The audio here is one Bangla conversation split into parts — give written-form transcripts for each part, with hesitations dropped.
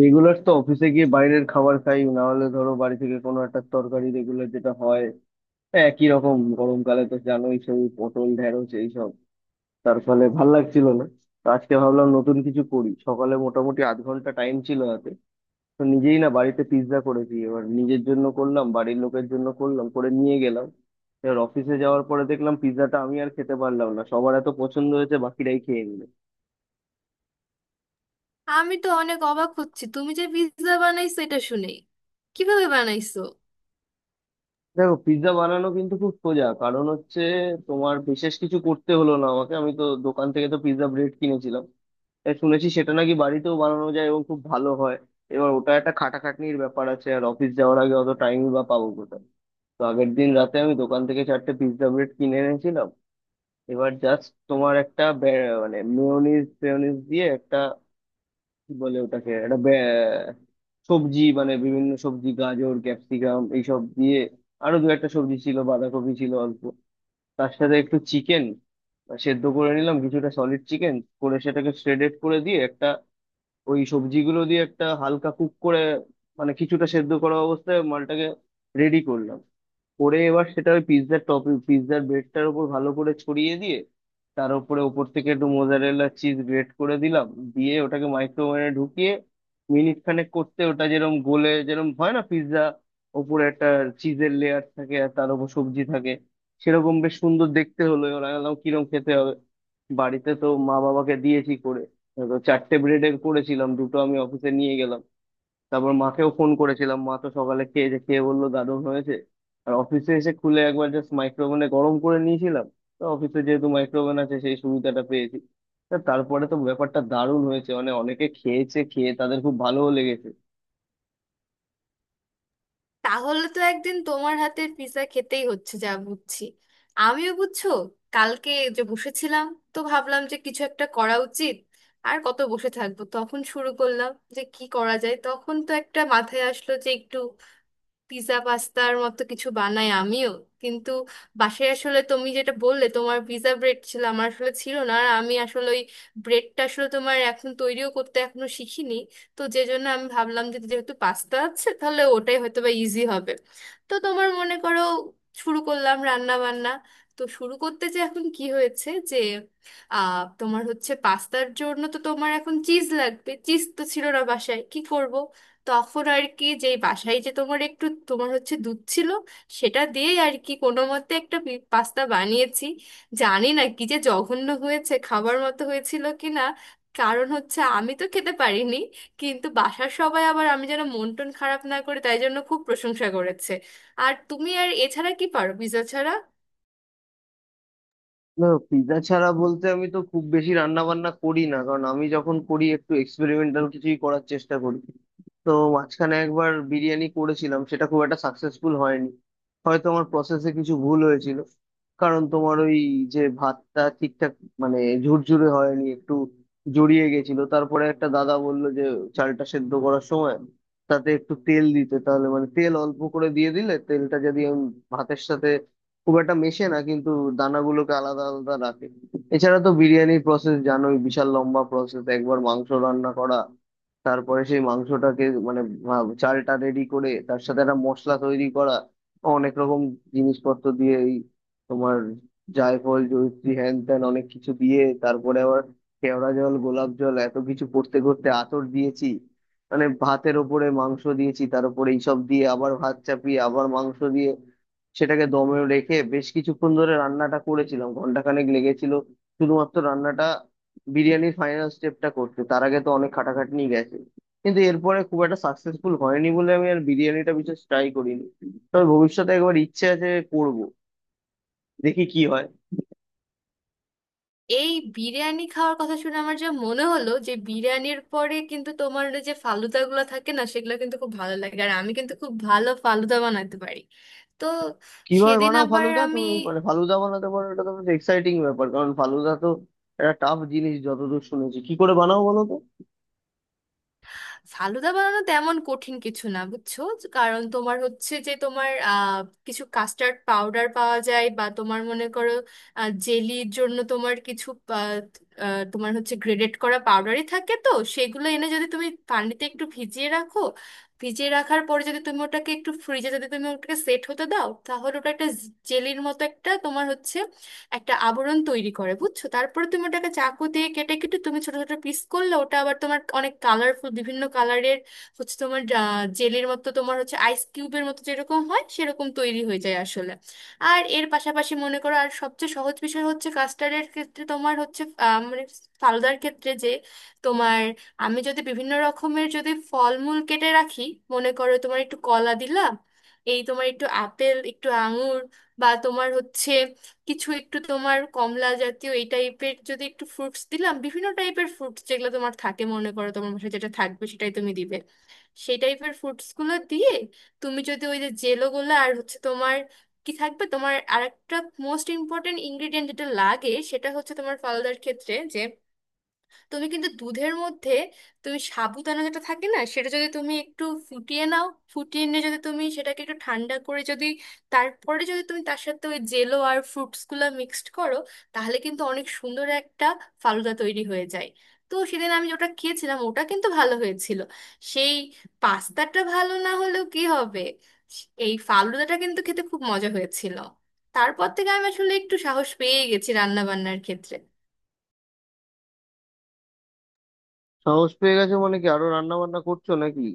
রেগুলার তো অফিসে গিয়ে বাইরের খাবার খাই, না হলে ধরো বাড়ি থেকে কোনো একটা তরকারি রেগুলার যেটা হয়। হ্যাঁ, একই রকম। গরমকালে তো জানোই, সেই পটল ঢ্যাঁড়শ এইসব। তার ফলে ভাল লাগছিল না। তো আজকে ভাবলাম নতুন কিছু করি। সকালে মোটামুটি আধ ঘন্টা টাইম ছিল হাতে। তো নিজেই না বাড়িতে পিৎজা করেছি। এবার নিজের জন্য করলাম, বাড়ির লোকের জন্য করলাম, করে নিয়ে গেলাম। এবার অফিসে যাওয়ার পরে দেখলাম পিৎজাটা আমি আর খেতে পারলাম না, সবার এত পছন্দ হয়েছে, বাকিরাই খেয়ে নিল। আমি তো অনেক অবাক হচ্ছি তুমি যে পিৎজা বানাইছো এটা শুনে। কিভাবে বানাইছো? দেখো, পিৎজা বানানো কিন্তু খুব সোজা। কারণ হচ্ছে, তোমার বিশেষ কিছু করতে হলো না। আমাকে আমি তো দোকান থেকে তো পিৎজা ব্রেড কিনেছিলাম। এ শুনেছি সেটা নাকি বাড়িতেও বানানো যায় এবং খুব ভালো হয়। এবার ওটা একটা খাটাখাটনির ব্যাপার আছে, আর অফিস যাওয়ার আগে অত টাইমই বা পাবো কোথায়। তো আগের দিন রাতে আমি দোকান থেকে চারটে পিৎজা ব্রেড কিনে এনেছিলাম। এবার জাস্ট তোমার একটা মানে মেয়োনিজ ফেয়োনিজ দিয়ে একটা, কি বলে ওটাকে, একটা সবজি, মানে বিভিন্ন সবজি গাজর ক্যাপসিকাম এইসব দিয়ে। আরো দু একটা সবজি ছিল, বাঁধাকপি ছিল অল্প, তার সাথে একটু চিকেন সেদ্ধ করে নিলাম কিছুটা সলিড চিকেন, করে সেটাকে শ্রেডেড করে দিয়ে একটা ওই সবজিগুলো দিয়ে একটা হালকা কুক করে, মানে কিছুটা সেদ্ধ করা অবস্থায় মালটাকে রেডি করলাম। করে এবার সেটা ওই পিৎজার টপ পিৎজার ব্রেডটার উপর ভালো করে ছড়িয়ে দিয়ে, তার উপরে ওপর থেকে একটু মোজারেলা চিজ গ্রেট করে দিলাম। দিয়ে ওটাকে মাইক্রোওভেনে ঢুকিয়ে মিনিট খানেক করতে, ওটা যেরকম গোলে, যেরকম হয় না পিৎজা, ওপরে একটা চিজের লেয়ার থাকে আর তার উপর সবজি থাকে, সেরকম বেশ সুন্দর দেখতে হলো। এবার আমি ভাবলাম কিরকম খেতে হবে। বাড়িতে তো মা বাবাকে দিয়েছি করে। তো চারটে ব্রেডের করেছিলাম, দুটো আমি অফিসে নিয়ে গেলাম। তারপর মাকেও ফোন করেছিলাম, মা তো সকালে খেয়ে যে খেয়ে বললো গাদন হয়েছে। আর অফিসে এসে খুলে একবার জাস্ট মাইক্রোওভেনে গরম করে নিয়েছিলাম। তো অফিসে যেহেতু মাইক্রোওভেন আছে, সেই সুবিধাটা পেয়েছি। তা তারপরে তো ব্যাপারটা দারুণ হয়েছে, মানে অনেকে খেয়েছে, খেয়ে তাদের খুব ভালোও লেগেছে। তাহলে তো একদিন তোমার হাতের পিৎজা খেতেই হচ্ছে যা বুঝছি। আমিও বুঝছো, কালকে যে বসেছিলাম, তো ভাবলাম যে কিছু একটা করা উচিত। আর কত বসে থাকবো, তখন শুরু করলাম যে কি করা যায়। তখন তো একটা মাথায় আসলো যে একটু পিৎজা পাস্তার মতো কিছু বানাই আমিও। কিন্তু বাসায় আসলে তুমি যেটা বললে তোমার পিৎজা ব্রেড ছিল, আমার আসলে ছিল না। আর আমি আসলে ওই ব্রেডটা আসলে তোমার এখন তৈরিও করতে এখনো শিখিনি। তো যে জন্য আমি ভাবলাম যে যেহেতু পাস্তা আছে তাহলে ওটাই হয়তো বা ইজি হবে। তো তোমার মনে করো শুরু করলাম রান্না বান্না। তো শুরু করতে যে এখন কি হয়েছে যে তোমার হচ্ছে পাস্তার জন্য তো তোমার এখন চিজ লাগবে। চিজ তো ছিল না বাসায়, কি করব? তখন আর কি, যে বাসায় যে তোমার একটু তোমার হচ্ছে দুধ ছিল, সেটা দিয়েই আর কি কোনো মতে একটা পাস্তা বানিয়েছি। জানি না কি যে জঘন্য হয়েছে, খাবার মতো হয়েছিল কি না, কারণ হচ্ছে আমি তো খেতে পারিনি। কিন্তু বাসার সবাই আবার আমি যেন মন টন খারাপ না করে তাই জন্য খুব প্রশংসা করেছে। আর তুমি আর এছাড়া কি পারো পিৎজা ছাড়া? না, পিৎজা ছাড়া বলতে আমি তো খুব বেশি রান্না বান্না করি না, কারণ আমি যখন করি একটু এক্সপেরিমেন্টাল কিছুই করার চেষ্টা করি। তো মাঝখানে একবার বিরিয়ানি করেছিলাম, সেটা খুব একটা সাকসেসফুল হয়নি। হয়তো আমার প্রসেসে কিছু ভুল হয়েছিল। কারণ তোমার ওই যে ভাতটা ঠিকঠাক, মানে, ঝুরঝুরে হয়নি, একটু জড়িয়ে গেছিল। তারপরে একটা দাদা বললো যে চালটা সেদ্ধ করার সময় তাতে একটু তেল দিতে, তাহলে মানে তেল অল্প করে দিয়ে দিলে তেলটা যদি আমি ভাতের সাথে, খুব একটা মেশে না কিন্তু দানাগুলোকে আলাদা আলাদা রাখে। এছাড়া তো বিরিয়ানির প্রসেস জানোই, বিশাল লম্বা প্রসেস। একবার মাংস রান্না করা, তারপরে সেই মাংসটাকে মানে চালটা রেডি করে তার সাথে একটা মশলা তৈরি করা অনেক রকম জিনিসপত্র দিয়ে, এই তোমার জায়ফল জয়িত্রী হ্যান ত্যান অনেক কিছু দিয়ে, তারপরে আবার কেওড়া জল গোলাপ জল এত কিছু করতে করতে আতর দিয়েছি, মানে ভাতের ওপরে মাংস দিয়েছি তার উপরে এইসব দিয়ে আবার ভাত চাপিয়ে আবার মাংস দিয়ে সেটাকে দমে রেখে বেশ কিছুক্ষণ ধরে রান্নাটা করেছিলাম। ঘন্টাখানেক লেগেছিল শুধুমাত্র রান্নাটা, বিরিয়ানির ফাইনাল স্টেপটা করতে। তার আগে তো অনেক খাটাখাটনি গেছে। কিন্তু এরপরে খুব একটা সাকসেসফুল হয়নি বলে আমি আর বিরিয়ানিটা বিশেষ ট্রাই করিনি। তবে ভবিষ্যতে একবার ইচ্ছে আছে, করব, দেখি কি হয়। এই বিরিয়ানি খাওয়ার কথা শুনে আমার যা মনে হলো যে বিরিয়ানির পরে কিন্তু তোমার ওই যে ফালুদা গুলো থাকে না সেগুলো কিন্তু খুব ভালো লাগে, আর আমি কিন্তু খুব ভালো ফালুদা বানাতে পারি। তো কিভাবে সেদিন বানাও আবার ফালুদা আমি তুমি? মানে ফালুদা বানাতে পারো, এটা তো বেশ এক্সাইটিং ব্যাপার। কারণ ফালুদা তো একটা টাফ জিনিস যতদূর শুনেছি। কি করে বানাও বলো তো। ফালুদা বানানো তেমন কঠিন কিছু না বুঝছো। কারণ তোমার হচ্ছে যে তোমার কিছু কাস্টার্ড পাউডার পাওয়া যায় বা তোমার মনে করো জেলির জন্য তোমার কিছু আহ, আহ, তোমার হচ্ছে গ্রেডেড করা পাউডারই থাকে। তো সেগুলো এনে যদি তুমি পানিতে একটু ভিজিয়ে রাখো, ভিজিয়ে রাখার পরে যদি তুমি ওটাকে একটু ফ্রিজে যদি তুমি ওটাকে সেট হতে দাও তাহলে ওটা একটা জেলির মতো একটা তোমার হচ্ছে একটা আবরণ তৈরি করে বুঝছো। তারপরে তুমি ওটাকে চাকু দিয়ে কেটে কেটে তুমি ছোট ছোট পিস করলে ওটা আবার তোমার অনেক কালারফুল বিভিন্ন কালারের হচ্ছে তোমার জেলের মতো তোমার হচ্ছে আইস কিউবের মতো যেরকম হয় সেরকম তৈরি হয়ে যায় আসলে। আর এর পাশাপাশি মনে করো আর সবচেয়ে সহজ বিষয় হচ্ছে কাস্টার্ডের ক্ষেত্রে তোমার হচ্ছে মানে ফালুদার ক্ষেত্রে যে তোমার আমি যদি বিভিন্ন রকমের যদি ফলমূল কেটে রাখি, মনে করো তোমার একটু কলা দিলাম, এই তোমার একটু আপেল একটু আঙুর, বা তোমার হচ্ছে কিছু একটু তোমার কমলা জাতীয় এই টাইপের যদি একটু ফ্রুটস দিলাম, বিভিন্ন টাইপের ফ্রুটস যেগুলো তোমার থাকে মনে করো তোমার বাসায় যেটা থাকবে সেটাই তুমি দিবে। সেই টাইপের ফ্রুটস গুলো দিয়ে তুমি যদি ওই যে জেলো গুলো আর হচ্ছে তোমার কি থাকবে তোমার আরেকটা মোস্ট ইম্পর্টেন্ট ইনগ্রিডিয়েন্ট যেটা লাগে সেটা হচ্ছে তোমার ফালুদার ক্ষেত্রে তুমি কিন্তু দুধের মধ্যে তুমি সাবুদানা যেটা থাকে না সেটা যদি তুমি একটু ফুটিয়ে নাও, ফুটিয়ে নিয়ে যদি তুমি সেটাকে একটু ঠান্ডা করে যদি তারপরে যদি তুমি তার সাথে ওই জেলো আর ফ্রুটসগুলো মিক্সড করো তাহলে কিন্তু অনেক সুন্দর একটা ফালুদা তৈরি হয়ে যায়। তো সেদিন আমি ওটা খেয়েছিলাম, ওটা কিন্তু ভালো হয়েছিল। সেই পাস্তাটা ভালো না হলেও কি হবে, এই ফালুদাটা কিন্তু খেতে খুব মজা হয়েছিল। তারপর থেকে আমি আসলে একটু সাহস পেয়ে গেছি রান্না বান্নার ক্ষেত্রে। সাহস পেয়ে গেছে মানে কি, আরো রান্না বান্না করছো নাকি?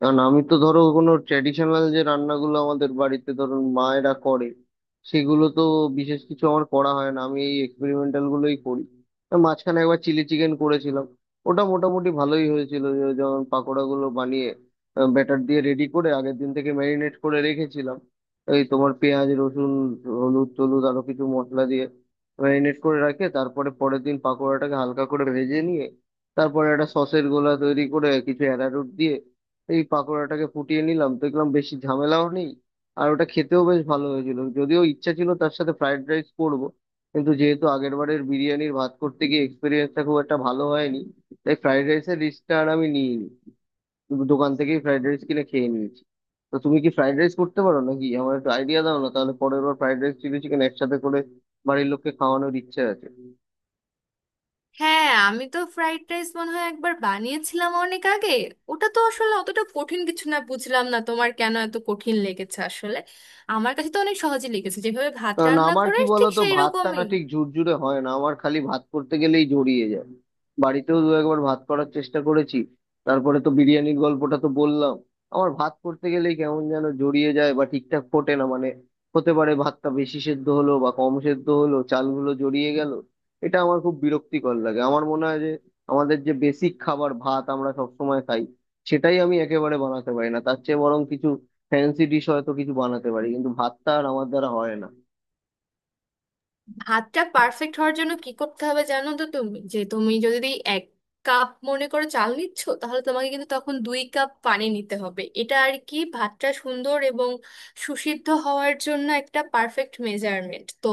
কারণ আমি তো ধরো কোনো ট্র্যাডিশনাল যে রান্নাগুলো আমাদের বাড়িতে ধরুন মায়েরা করে, সেগুলো তো বিশেষ কিছু আমার করা হয় না। আমি এই এক্সপেরিমেন্টাল গুলোই করি। আর মাঝখানে একবার চিলি চিকেন করেছিলাম, ওটা মোটামুটি ভালোই হয়েছিল। যেমন পাকোড়া গুলো বানিয়ে, ব্যাটার দিয়ে রেডি করে আগের দিন থেকে ম্যারিনেট করে রেখেছিলাম, এই তোমার পেঁয়াজ রসুন হলুদ টলুদ আরো কিছু মশলা দিয়ে ম্যারিনেট করে রাখে। তারপরে পরের দিন পাকোড়াটাকে হালকা করে ভেজে নিয়ে, তারপরে একটা সসের গোলা তৈরি করে কিছু অ্যারারুট দিয়ে এই পাকোড়াটাকে ফুটিয়ে নিলাম, দেখলাম বেশি ঝামেলাও নেই। আর ওটা খেতেও বেশ ভালো হয়েছিল। যদিও ইচ্ছা ছিল তার সাথে ফ্রাইড রাইস করবো, কিন্তু যেহেতু আগের বারের বিরিয়ানির ভাত করতে গিয়ে এক্সপিরিয়েন্সটা খুব একটা ভালো হয়নি, তাই ফ্রাইড রাইসের রিস্কটা আর আমি নিইনি। দোকান থেকেই ফ্রাইড রাইস কিনে খেয়ে নিয়েছি। তো তুমি কি ফ্রাইড রাইস করতে পারো নাকি? আমার একটু আইডিয়া দাও না, তাহলে পরের বার ফ্রাইড রাইস চিলি চিকেন একসাথে করে বাড়ির লোককে খাওয়ানোর ইচ্ছে আছে। হ্যাঁ, আমি তো ফ্রাইড রাইস মনে হয় একবার বানিয়েছিলাম অনেক আগে। ওটা তো আসলে অতটা কঠিন কিছু না, বুঝলাম না তোমার কেন এত কঠিন লেগেছে আসলে। আমার কাছে তো অনেক সহজে লেগেছে, যেভাবে ভাত কারণ রান্না আমার, করে কি ঠিক বলতো, সেই ভাতটা না রকমই। ঠিক ঝুরঝুরে হয় না, আমার খালি ভাত করতে গেলেই জড়িয়ে যায়। বাড়িতেও দু একবার ভাত করার চেষ্টা করেছি, তারপরে তো বিরিয়ানির গল্পটা তো বললাম। আমার ভাত করতে গেলেই কেমন যেন জড়িয়ে যায় বা ঠিকঠাক ফোটে না, মানে হতে পারে ভাতটা বেশি সেদ্ধ হলো বা কম সেদ্ধ হলো, চালগুলো জড়িয়ে গেল। এটা আমার খুব বিরক্তিকর লাগে। আমার মনে হয় যে আমাদের যে বেসিক খাবার ভাত আমরা সবসময় খাই, সেটাই আমি একেবারে বানাতে পারি না। তার চেয়ে বরং কিছু ফ্যান্সি ডিশ হয়তো কিছু বানাতে পারি, কিন্তু ভাতটা আর আমার দ্বারা হয় না। ভাতটা পারফেক্ট হওয়ার জন্য কি করতে হবে জানো তো, তুমি যে তুমি যদি এক কাপ মনে করো চাল নিচ্ছ তাহলে তোমাকে কিন্তু তখন দুই কাপ পানি নিতে হবে, এটা আর কি ভাতটা সুন্দর এবং সুসিদ্ধ হওয়ার জন্য একটা পারফেক্ট মেজারমেন্ট। তো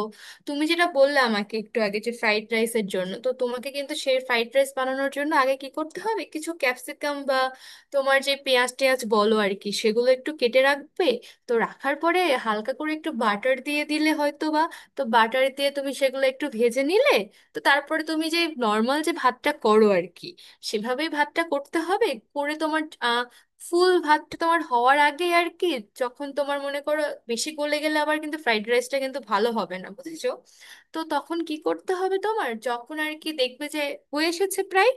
তুমি যেটা বললে আমাকে একটু আগে যে ফ্রাইড রাইসের জন্য, তো তোমাকে কিন্তু সেই ফ্রাইড রাইস বানানোর জন্য আগে কি করতে হবে, কিছু ক্যাপসিকাম বা তোমার যে পেঁয়াজ টেয়াজ বলো আর কি সেগুলো একটু কেটে রাখবে। তো রাখার পরে হালকা করে একটু বাটার দিয়ে দিলে হয়তো, তো বাটার দিয়ে তুমি সেগুলো একটু ভেজে নিলে, তো তারপরে তুমি যে নর্মাল যে ভাতটা করো আর কি সেভাবেই ভাতটা করতে হবে। করে তোমার আহ, ফুল ভাতটা তোমার হওয়ার আগে আর কি, যখন তোমার মনে করো বেশি গলে গেলে আবার কিন্তু ফ্রাইড রাইসটা কিন্তু ভালো হবে না বুঝেছো। তো তখন কি করতে হবে তোমার, যখন আর কি দেখবে যে হয়ে এসেছে প্রায়,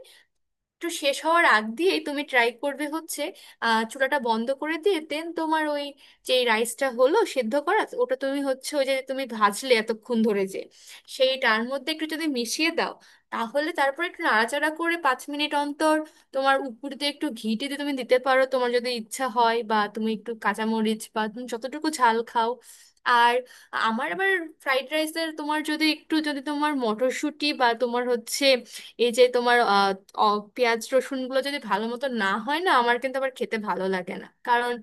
একটু শেষ হওয়ার আগ দিয়েই তুমি ট্রাই করবে হচ্ছে চুলাটা বন্ধ করে দিয়ে দেন তোমার ওই যে রাইসটা হলো সেদ্ধ করা, ওটা তুমি হচ্ছে ওই যে তুমি ভাজলে এতক্ষণ ধরে যে সেইটার মধ্যে একটু যদি মিশিয়ে দাও, তাহলে তারপরে একটু নাড়াচাড়া করে পাঁচ মিনিট অন্তর তোমার উপর দিয়ে একটু ঘিটে দিয়ে তুমি দিতে পারো তোমার যদি ইচ্ছা হয়, বা তুমি একটু কাঁচামরিচ বা তুমি যতটুকু ঝাল খাও। আর আমার আবার ফ্রাইড রাইসের তোমার যদি একটু যদি তোমার মটরশুঁটি বা তোমার হচ্ছে এই যে তোমার অ- পেঁয়াজ রসুন গুলো যদি ভালো মতো না হয় না আমার কিন্তু আবার খেতে ভালো লাগে না কারণ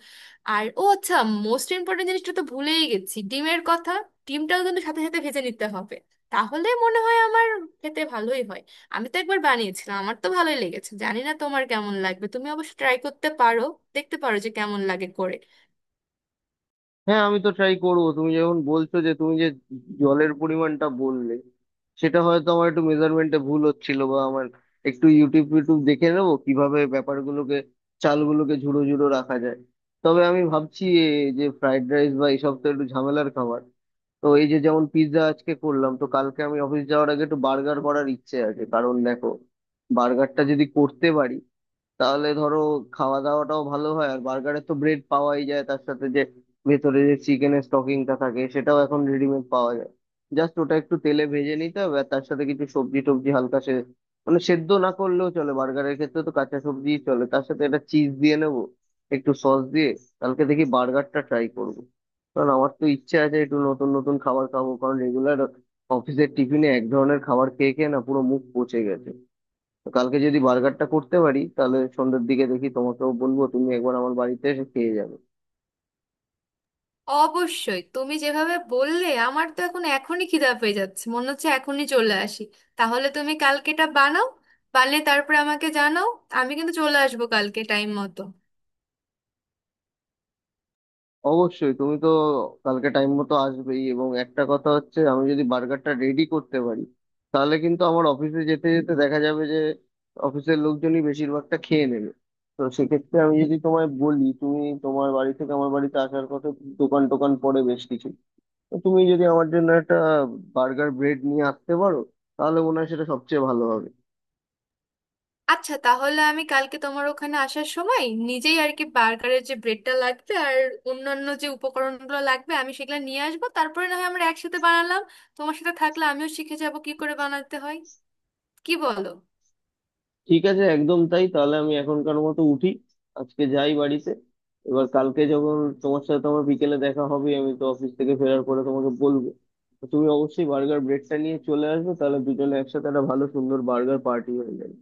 আর ও আচ্ছা মোস্ট ইম্পর্টেন্ট জিনিসটা তো ভুলেই গেছি, ডিমের কথা। ডিমটাও কিন্তু সাথে সাথে ভেজে নিতে হবে, তাহলে মনে হয় আমার খেতে ভালোই হয়। আমি তো একবার বানিয়েছিলাম, আমার তো ভালোই লেগেছে, জানি না তোমার কেমন লাগবে, তুমি অবশ্য ট্রাই করতে পারো, দেখতে পারো যে কেমন লাগে করে। হ্যাঁ, আমি তো ট্রাই করবো। তুমি যখন বলছো যে তুমি যে জলের পরিমাণটা বললে, সেটা হয়তো আমার একটু মেজারমেন্টে ভুল হচ্ছিল। বা আমার একটু ইউটিউব ইউটিউব দেখে নেবো কিভাবে ব্যাপারগুলোকে, চালগুলোকে ঝুড়ো ঝুড়ো রাখা যায়। তবে আমি ভাবছি এ, যে ফ্রাইড রাইস বা এইসব তো একটু ঝামেলার খাবার। তো এই যে যেমন পিৎজা আজকে করলাম, তো কালকে আমি অফিস যাওয়ার আগে একটু বার্গার করার ইচ্ছে আছে। কারণ দেখো, বার্গারটা যদি করতে পারি তাহলে ধরো খাওয়া দাওয়াটাও ভালো হয়। আর বার্গারে তো ব্রেড পাওয়াই যায়, তার সাথে যে ভেতরে যে চিকেনের স্টকিংটা থাকে সেটাও এখন রেডিমেড পাওয়া যায়। জাস্ট ওটা একটু তেলে ভেজে নিতে হবে, আর তার সাথে কিছু সবজি টবজি হালকা সে, মানে সেদ্ধ না করলেও চলে, বার্গারের ক্ষেত্রে তো কাঁচা সবজিই চলে। তার সাথে একটা চিজ দিয়ে নেবো, একটু সস দিয়ে। কালকে দেখি বার্গারটা ট্রাই করবো। কারণ আমার তো ইচ্ছে আছে একটু নতুন নতুন খাবার খাবো, কারণ রেগুলার অফিসের টিফিনে এক ধরনের খাবার খেয়ে খেয়ে না পুরো মুখ পচে গেছে। তো কালকে যদি বার্গারটা করতে পারি তাহলে সন্ধ্যের দিকে দেখি, তোমাকেও বলবো, তুমি একবার আমার বাড়িতে এসে খেয়ে যাবে। অবশ্যই তুমি যেভাবে বললে আমার তো এখন এখনই খিদা পেয়ে যাচ্ছে, মনে হচ্ছে এখনই চলে আসি। তাহলে তুমি কালকেটা বানাও, বানিয়ে তারপরে আমাকে জানাও, আমি কিন্তু চলে আসবো কালকে টাইম মতো। অবশ্যই তুমি তো কালকে টাইম মতো আসবেই, এবং একটা কথা হচ্ছে, আমি যদি বার্গারটা রেডি করতে পারি তাহলে কিন্তু আমার অফিসে যেতে যেতে দেখা যাবে যে অফিসের লোকজনই বেশিরভাগটা খেয়ে নেবে। তো সেক্ষেত্রে আমি যদি তোমায় বলি, তুমি তোমার বাড়ি থেকে আমার বাড়িতে আসার কথা, দোকান টোকান পড়ে বেশ কিছু, তো তুমি যদি আমার জন্য একটা বার্গার ব্রেড নিয়ে আসতে পারো তাহলে মনে হয় সেটা সবচেয়ে ভালো হবে। আচ্ছা, তাহলে আমি কালকে তোমার ওখানে আসার সময় নিজেই আর কি বার্গারের যে ব্রেডটা লাগবে আর অন্যান্য যে উপকরণগুলো লাগবে আমি সেগুলো নিয়ে আসবো, তারপরে না হয় আমরা একসাথে বানালাম। তোমার সাথে থাকলে আমিও শিখে যাবো কি করে বানাতে হয়। কি বলো? ঠিক আছে, একদম তাই। তাহলে আমি এখনকার মতো উঠি, আজকে যাই বাড়িতে। এবার কালকে যখন তোমার সাথে তোমার বিকেলে দেখা হবে, আমি তো অফিস থেকে ফেরার পরে তোমাকে বলবো। তো তুমি অবশ্যই বার্গার ব্রেডটা নিয়ে চলে আসবে, তাহলে দুজনে একসাথে একটা ভালো সুন্দর বার্গার পার্টি হয়ে যাবে।